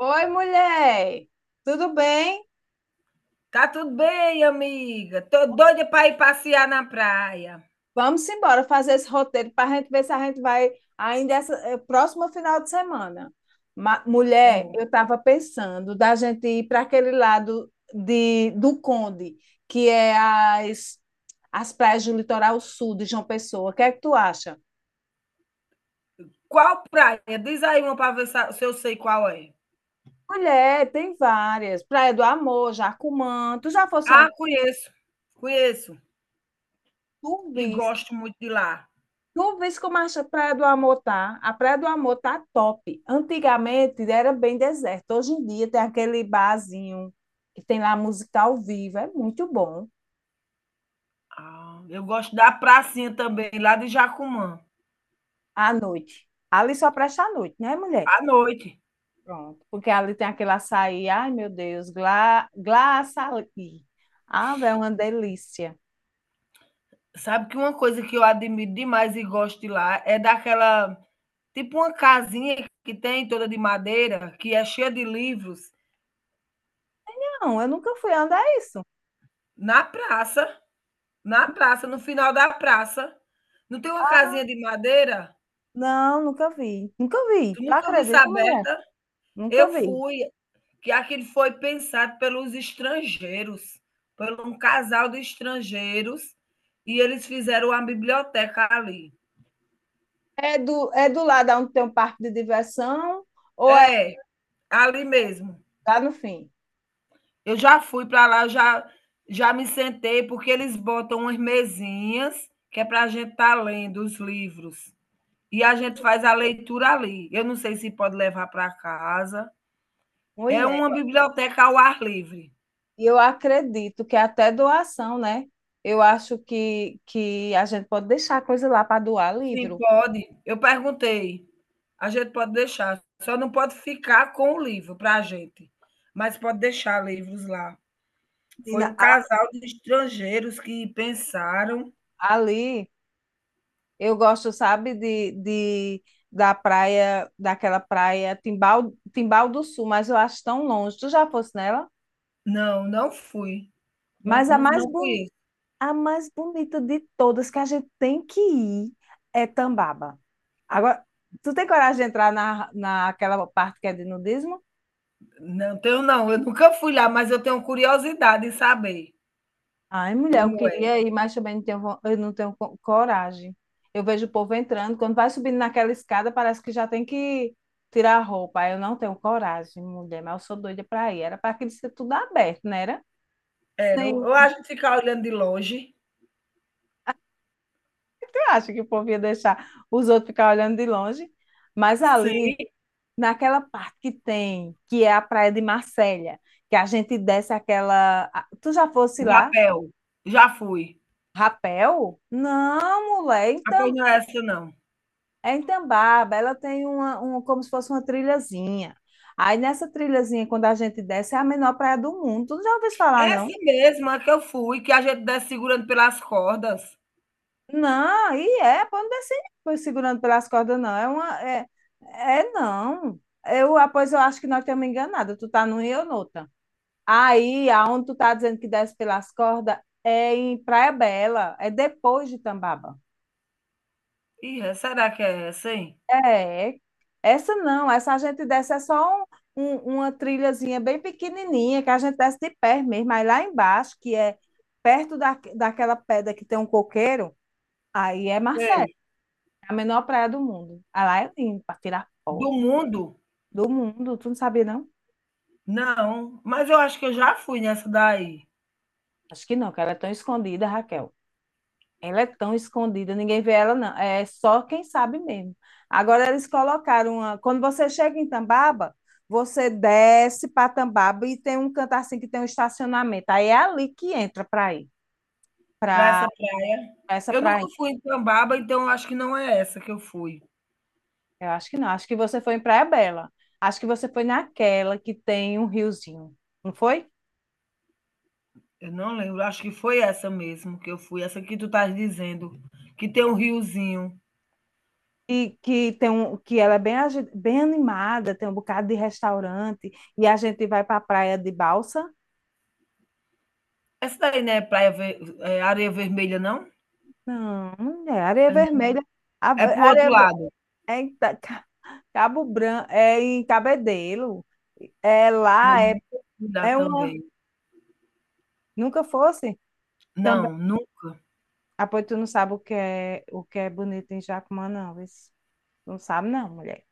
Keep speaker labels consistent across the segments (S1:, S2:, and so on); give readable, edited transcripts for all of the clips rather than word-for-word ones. S1: Oi, mulher! Tudo bem?
S2: Tá tudo bem, amiga. Tô doida para ir passear na praia.
S1: Vamos embora fazer esse roteiro para a gente ver se a gente vai ainda essa, próximo final de semana.
S2: Tá
S1: Mulher,
S2: bom.
S1: eu estava pensando da gente ir para aquele lado do Conde, que é as praias do litoral sul de João Pessoa. O que é que tu acha?
S2: Qual praia? Diz aí uma para ver se eu sei qual é.
S1: Mulher, tem várias. Praia do Amor, Jacumã. Tu já fosse em
S2: Ah,
S1: algum?
S2: conheço. Conheço
S1: Tu
S2: e
S1: viste?
S2: gosto muito de lá.
S1: Tu vês como acha a Praia do Amor tá? A Praia do Amor tá top. Antigamente era bem deserto. Hoje em dia tem aquele barzinho que tem lá música ao vivo. É muito bom.
S2: Ah, eu gosto da pracinha também, lá de Jacumã,
S1: À noite. Ali só presta à noite, né, mulher?
S2: à noite.
S1: Pronto. Porque ali tem aquele açaí. Ai, meu Deus. Gla, gla açaí. Ah, velho, é uma delícia.
S2: Sabe que uma coisa que eu admiro demais e gosto de lá é daquela, tipo uma casinha que tem toda de madeira, que é cheia de livros
S1: Não, eu nunca fui. Onde é isso?
S2: na praça. Na praça, no final da praça. Não tem uma
S1: Ah,
S2: casinha de madeira?
S1: não, nunca vi. Nunca vi.
S2: Tu
S1: Tu
S2: nunca viu isso
S1: acredita, mulher?
S2: aberta?
S1: Nunca
S2: Eu
S1: vi.
S2: fui, que aquilo foi pensado pelos estrangeiros, por um casal de estrangeiros, e eles fizeram uma biblioteca ali.
S1: É do lado onde tem um parque de diversão, ou é
S2: É, ali mesmo.
S1: lá no fim?
S2: Eu já fui para lá, já me sentei, porque eles botam umas mesinhas que é para a gente estar tá lendo os livros. E a gente faz a leitura ali. Eu não sei se pode levar para casa. É
S1: Mulher,
S2: uma biblioteca ao ar livre.
S1: e eu acredito que é até doação, né? Eu acho que a gente pode deixar a coisa lá para doar
S2: Sim,
S1: livro.
S2: pode. Eu perguntei. A gente pode deixar, só não pode ficar com o livro para a gente, mas pode deixar livros lá. Foi um
S1: Menina,
S2: casal de estrangeiros que pensaram.
S1: ali eu gosto, sabe, de da praia, daquela praia Timbal, Timbal do Sul, mas eu acho tão longe. Tu já fosse nela?
S2: Não, não fui. Não,
S1: Mas a
S2: não,
S1: mais,
S2: não conheço.
S1: a mais bonita de todas que a gente tem que ir é Tambaba. Agora, tu tem coragem de entrar naquela parte que é de nudismo?
S2: Não tenho, não. Eu nunca fui lá, mas eu tenho curiosidade em saber
S1: Ai, mulher, eu
S2: como é.
S1: queria ir, mas também não tenho, eu não tenho coragem. Eu vejo o povo entrando, quando vai subindo naquela escada, parece que já tem que tirar a roupa. Aí eu não tenho coragem, mulher, mas eu sou doida para ir. Era para aquilo ser tudo aberto, não era?
S2: Era, ou
S1: Sim,
S2: a gente ficar olhando de longe.
S1: tu acha que o povo ia deixar os outros ficar olhando de longe? Mas ali,
S2: Sim,
S1: naquela parte que tem, que é a Praia de Marselha, que a gente desce aquela. Tu já fosse
S2: o
S1: lá?
S2: rapel. Já fui.
S1: Rapel? Não, mulher, é em
S2: Rapel não é essa, não.
S1: É em Tambaba. Ela tem um, como se fosse uma trilhazinha. Aí nessa trilhazinha, quando a gente desce, é a menor praia do mundo. Tu não já ouviu falar, não?
S2: Essa mesma que eu fui, que a gente desce segurando pelas cordas.
S1: Não, e é, pode não descer pois, segurando pelas cordas, não. É uma. É, é não. Eu, ah, pois eu acho que nós estamos enganados. Tu tá num e eu noutra. Aí, aonde tu tá dizendo que desce pelas cordas, é em Praia Bela. É depois de Tambaba.
S2: Ih, é- será que é essa, hein?
S1: É, essa não, essa a gente desce é só uma trilhazinha bem pequenininha, que a gente desce de pé mesmo, aí lá embaixo, que é perto daquela pedra que tem um coqueiro, aí é Marcelo,
S2: Sei.
S1: é a menor praia do mundo. Aí lá é lindo, para tirar
S2: Do
S1: foto
S2: mundo?
S1: do mundo, tu não sabia não?
S2: Não, mas eu acho que eu já fui nessa daí,
S1: Acho que não, que ela é tão escondida, Raquel. Ela é tão escondida, ninguém vê ela, não. É só quem sabe mesmo. Agora eles colocaram uma. Quando você chega em Tambaba, você desce para Tambaba e tem um canto assim que tem um estacionamento. Aí é ali que entra para ir,
S2: para
S1: para
S2: essa praia.
S1: essa
S2: Eu nunca
S1: praia.
S2: fui em Tambaba, então eu acho que não é essa que eu fui.
S1: Eu acho que não. Acho que você foi em Praia Bela. Acho que você foi naquela que tem um riozinho, não foi?
S2: Eu não lembro, acho que foi essa mesmo que eu fui, essa que tu estás dizendo, que tem um riozinho.
S1: E que tem um, que ela é bem, bem animada, tem um bocado de restaurante, e a gente vai para a praia de balsa.
S2: Essa daí não é praia ver- é areia vermelha, não?
S1: Não, mulher, areia
S2: É não.
S1: vermelha.
S2: É pro outro
S1: Areia,
S2: lado.
S1: é em Cabo Branco, é em Cabedelo. É
S2: Eu
S1: lá, é,
S2: nunca fui lá
S1: é uma.
S2: também.
S1: Nunca fosse. Também.
S2: Não, nunca.
S1: Ah, pois tu não sabe o que é bonito em Jacumã, não. vê se- Não sabe, não, mulher.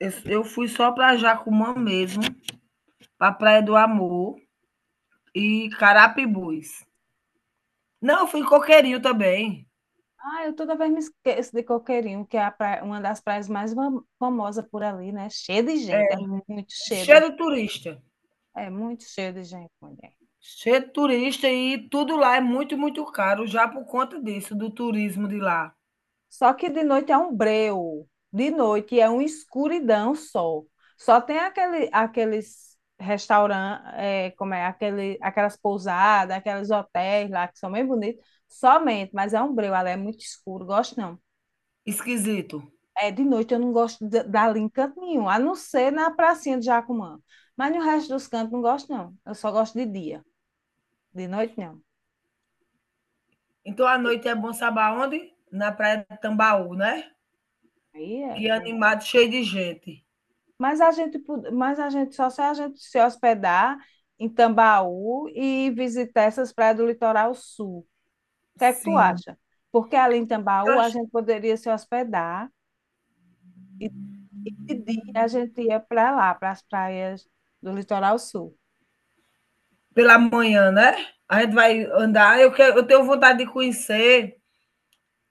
S2: Eu fui só para Jacumã mesmo, para Praia do Amor e Carapibus. Não, eu fui em Coqueirinho também.
S1: Ah, eu toda vez me esqueço de Coqueirinho, que é a uma das praias mais famosas por ali, né? Cheia de gente,
S2: É cheio de turista.
S1: é muito cheia de gente, mulher.
S2: Cheio de turista e tudo lá é muito, muito caro, já por conta disso, do turismo de lá.
S1: Só que de noite é um breu. De noite é uma escuridão só. Só tem aqueles restaurantes, como é, aquelas pousadas, aqueles hotéis lá que são bem bonitos. Somente, mas é um breu, ela é muito escuro, gosto não.
S2: Esquisito.
S1: É, de noite eu não gosto dali em canto nenhum, a não ser na pracinha de Jacumã. Mas no resto dos cantos não gosto, não. Eu só gosto de dia. De noite, não.
S2: Então a noite é bom saber onde? Na Praia de Tambaú, né?
S1: Aí
S2: Que
S1: é.
S2: é animado, cheio de gente.
S1: Mas a gente, mas a gente só se a gente se hospedar em Tambaú e visitar essas praias do litoral sul. O que é que tu
S2: Sim.
S1: acha? Porque ali em
S2: Eu
S1: Tambaú a
S2: acho-
S1: gente poderia se hospedar e dia a gente ia para lá, para as praias do litoral sul.
S2: Pela manhã, né? A gente vai andar. Eu, quero, eu tenho vontade de conhecer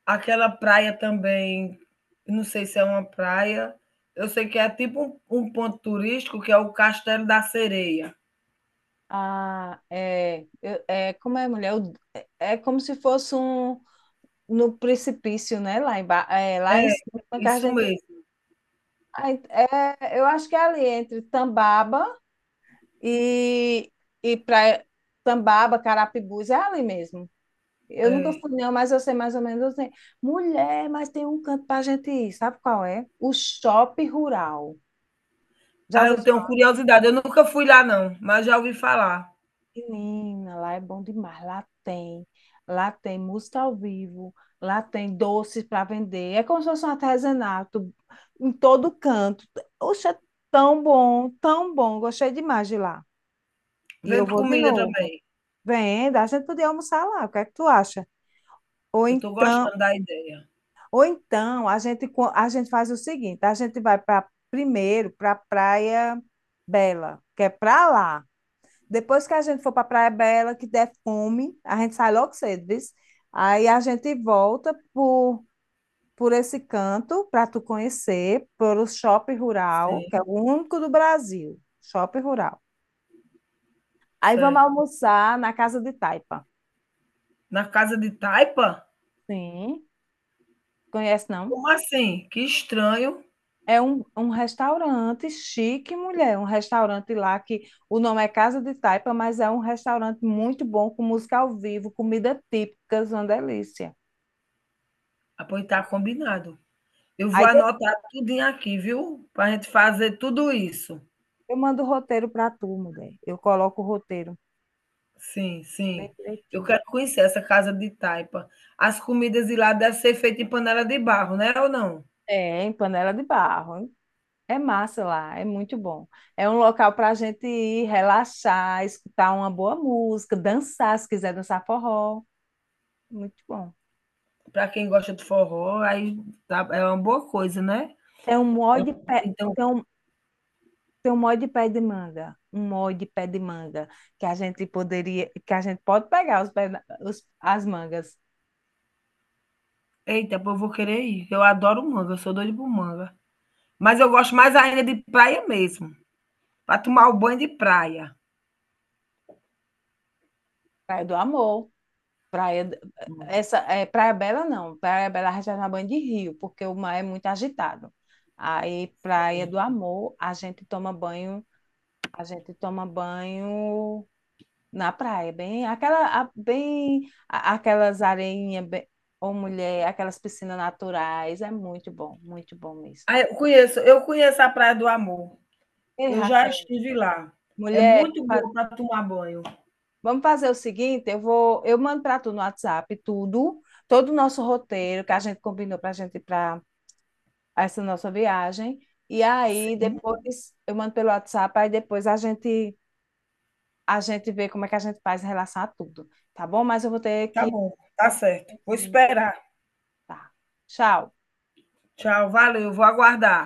S2: aquela praia também, não sei se é uma praia, eu sei que é tipo um ponto turístico que é o Castelo da Sereia.
S1: Ah, é, é como é, mulher? É, é como se fosse um no precipício, né? Lá em, é, lá em cima que a
S2: Isso
S1: gente.
S2: mesmo,
S1: Ah, é, eu acho que é ali entre Tambaba E, e para Tambaba, Carapibus, é ali mesmo. Eu nunca
S2: é.
S1: fui, não, mas eu sei mais ou menos. Eu sei. Mulher, mas tem um canto pra gente ir, sabe qual é? O Shopping Rural. Já
S2: Ah,
S1: ouviu
S2: eu tenho
S1: falar?
S2: curiosidade, eu nunca fui lá não, mas já ouvi falar.
S1: Menina, lá é bom demais, lá tem. Lá tem música ao vivo, lá tem doces para vender. É como se fosse um artesanato em todo canto. Oxe, é tão bom, tão bom. Gostei demais de lá. E eu
S2: Vendo
S1: vou de
S2: comida
S1: novo.
S2: também.
S1: Vem, dá, a gente podia almoçar lá. O que é que tu acha? Ou
S2: Eu estou
S1: então,
S2: gostando da ideia.
S1: ou então a gente faz o seguinte: a gente vai para primeiro para Praia Bela, que é para lá. Depois que a gente for para Praia Bela, que der fome, a gente sai logo cedo, viu? Aí a gente volta por esse canto para tu conhecer, pelo shopping rural, que é
S2: Sim,
S1: o único do Brasil, shopping rural. Aí vamos
S2: certo.
S1: almoçar na Casa de Taipa.
S2: Na casa de taipa?
S1: Sim, conhece não?
S2: Como assim? Que estranho.
S1: É um restaurante chique, mulher. Um restaurante lá que o nome é Casa de Taipa, mas é um restaurante muito bom, com música ao vivo, comida típica, uma delícia.
S2: Ah, pois tá combinado. Eu vou
S1: Aí depois
S2: anotar tudinho aqui, viu? Para a gente fazer tudo isso.
S1: eu mando o roteiro para tu, mulher. Eu coloco o roteiro
S2: Sim,
S1: bem
S2: sim. Eu
S1: direitinho.
S2: quero conhecer essa casa de taipa. As comidas de lá devem ser feitas em panela de barro, né, ou não?
S1: É, em Panela de Barro. Hein? É massa lá, é muito bom. É um local para a gente ir relaxar, escutar uma boa música, dançar, se quiser dançar forró. Muito bom.
S2: Para quem gosta de forró, aí tá é uma boa coisa, né.
S1: Tem um monte
S2: Eu
S1: de, pe...
S2: então
S1: Tem um Tem um molde de pé de manga, um molde de pé de manga que a gente poderia, que a gente pode pegar as mangas.
S2: eita, pô, eu vou querer ir. Eu adoro manga, eu sou doida por manga. Mas eu gosto mais ainda de praia mesmo, para tomar o banho de praia.
S1: Praia do Amor, praia d-
S2: Pronto.
S1: essa é Praia Bela não, Praia Bela a gente vai tomar banho de rio, porque o mar é muito agitado. Aí Praia do Amor, a gente toma banho na praia, bem aquelas areinhas, bem, ou mulher, aquelas piscinas naturais, é muito bom mesmo.
S2: Ah, eu conheço a Praia do Amor.
S1: Ei,
S2: Eu já
S1: Raquel,
S2: estive lá. É
S1: mulher,
S2: muito bom para tomar banho.
S1: vamos fazer o seguinte, eu mando para tu no WhatsApp tudo, todo o nosso roteiro que a gente combinou para a gente ir para essa nossa viagem. E aí
S2: Sim,
S1: depois eu mando pelo WhatsApp, aí depois a gente vê como é que a gente faz em relação a tudo, tá bom? Mas eu vou ter
S2: tá
S1: que
S2: bom, tá
S1: fazer
S2: certo. Vou
S1: um pouco,
S2: esperar.
S1: tá. Tchau.
S2: Tchau, valeu, vou aguardar.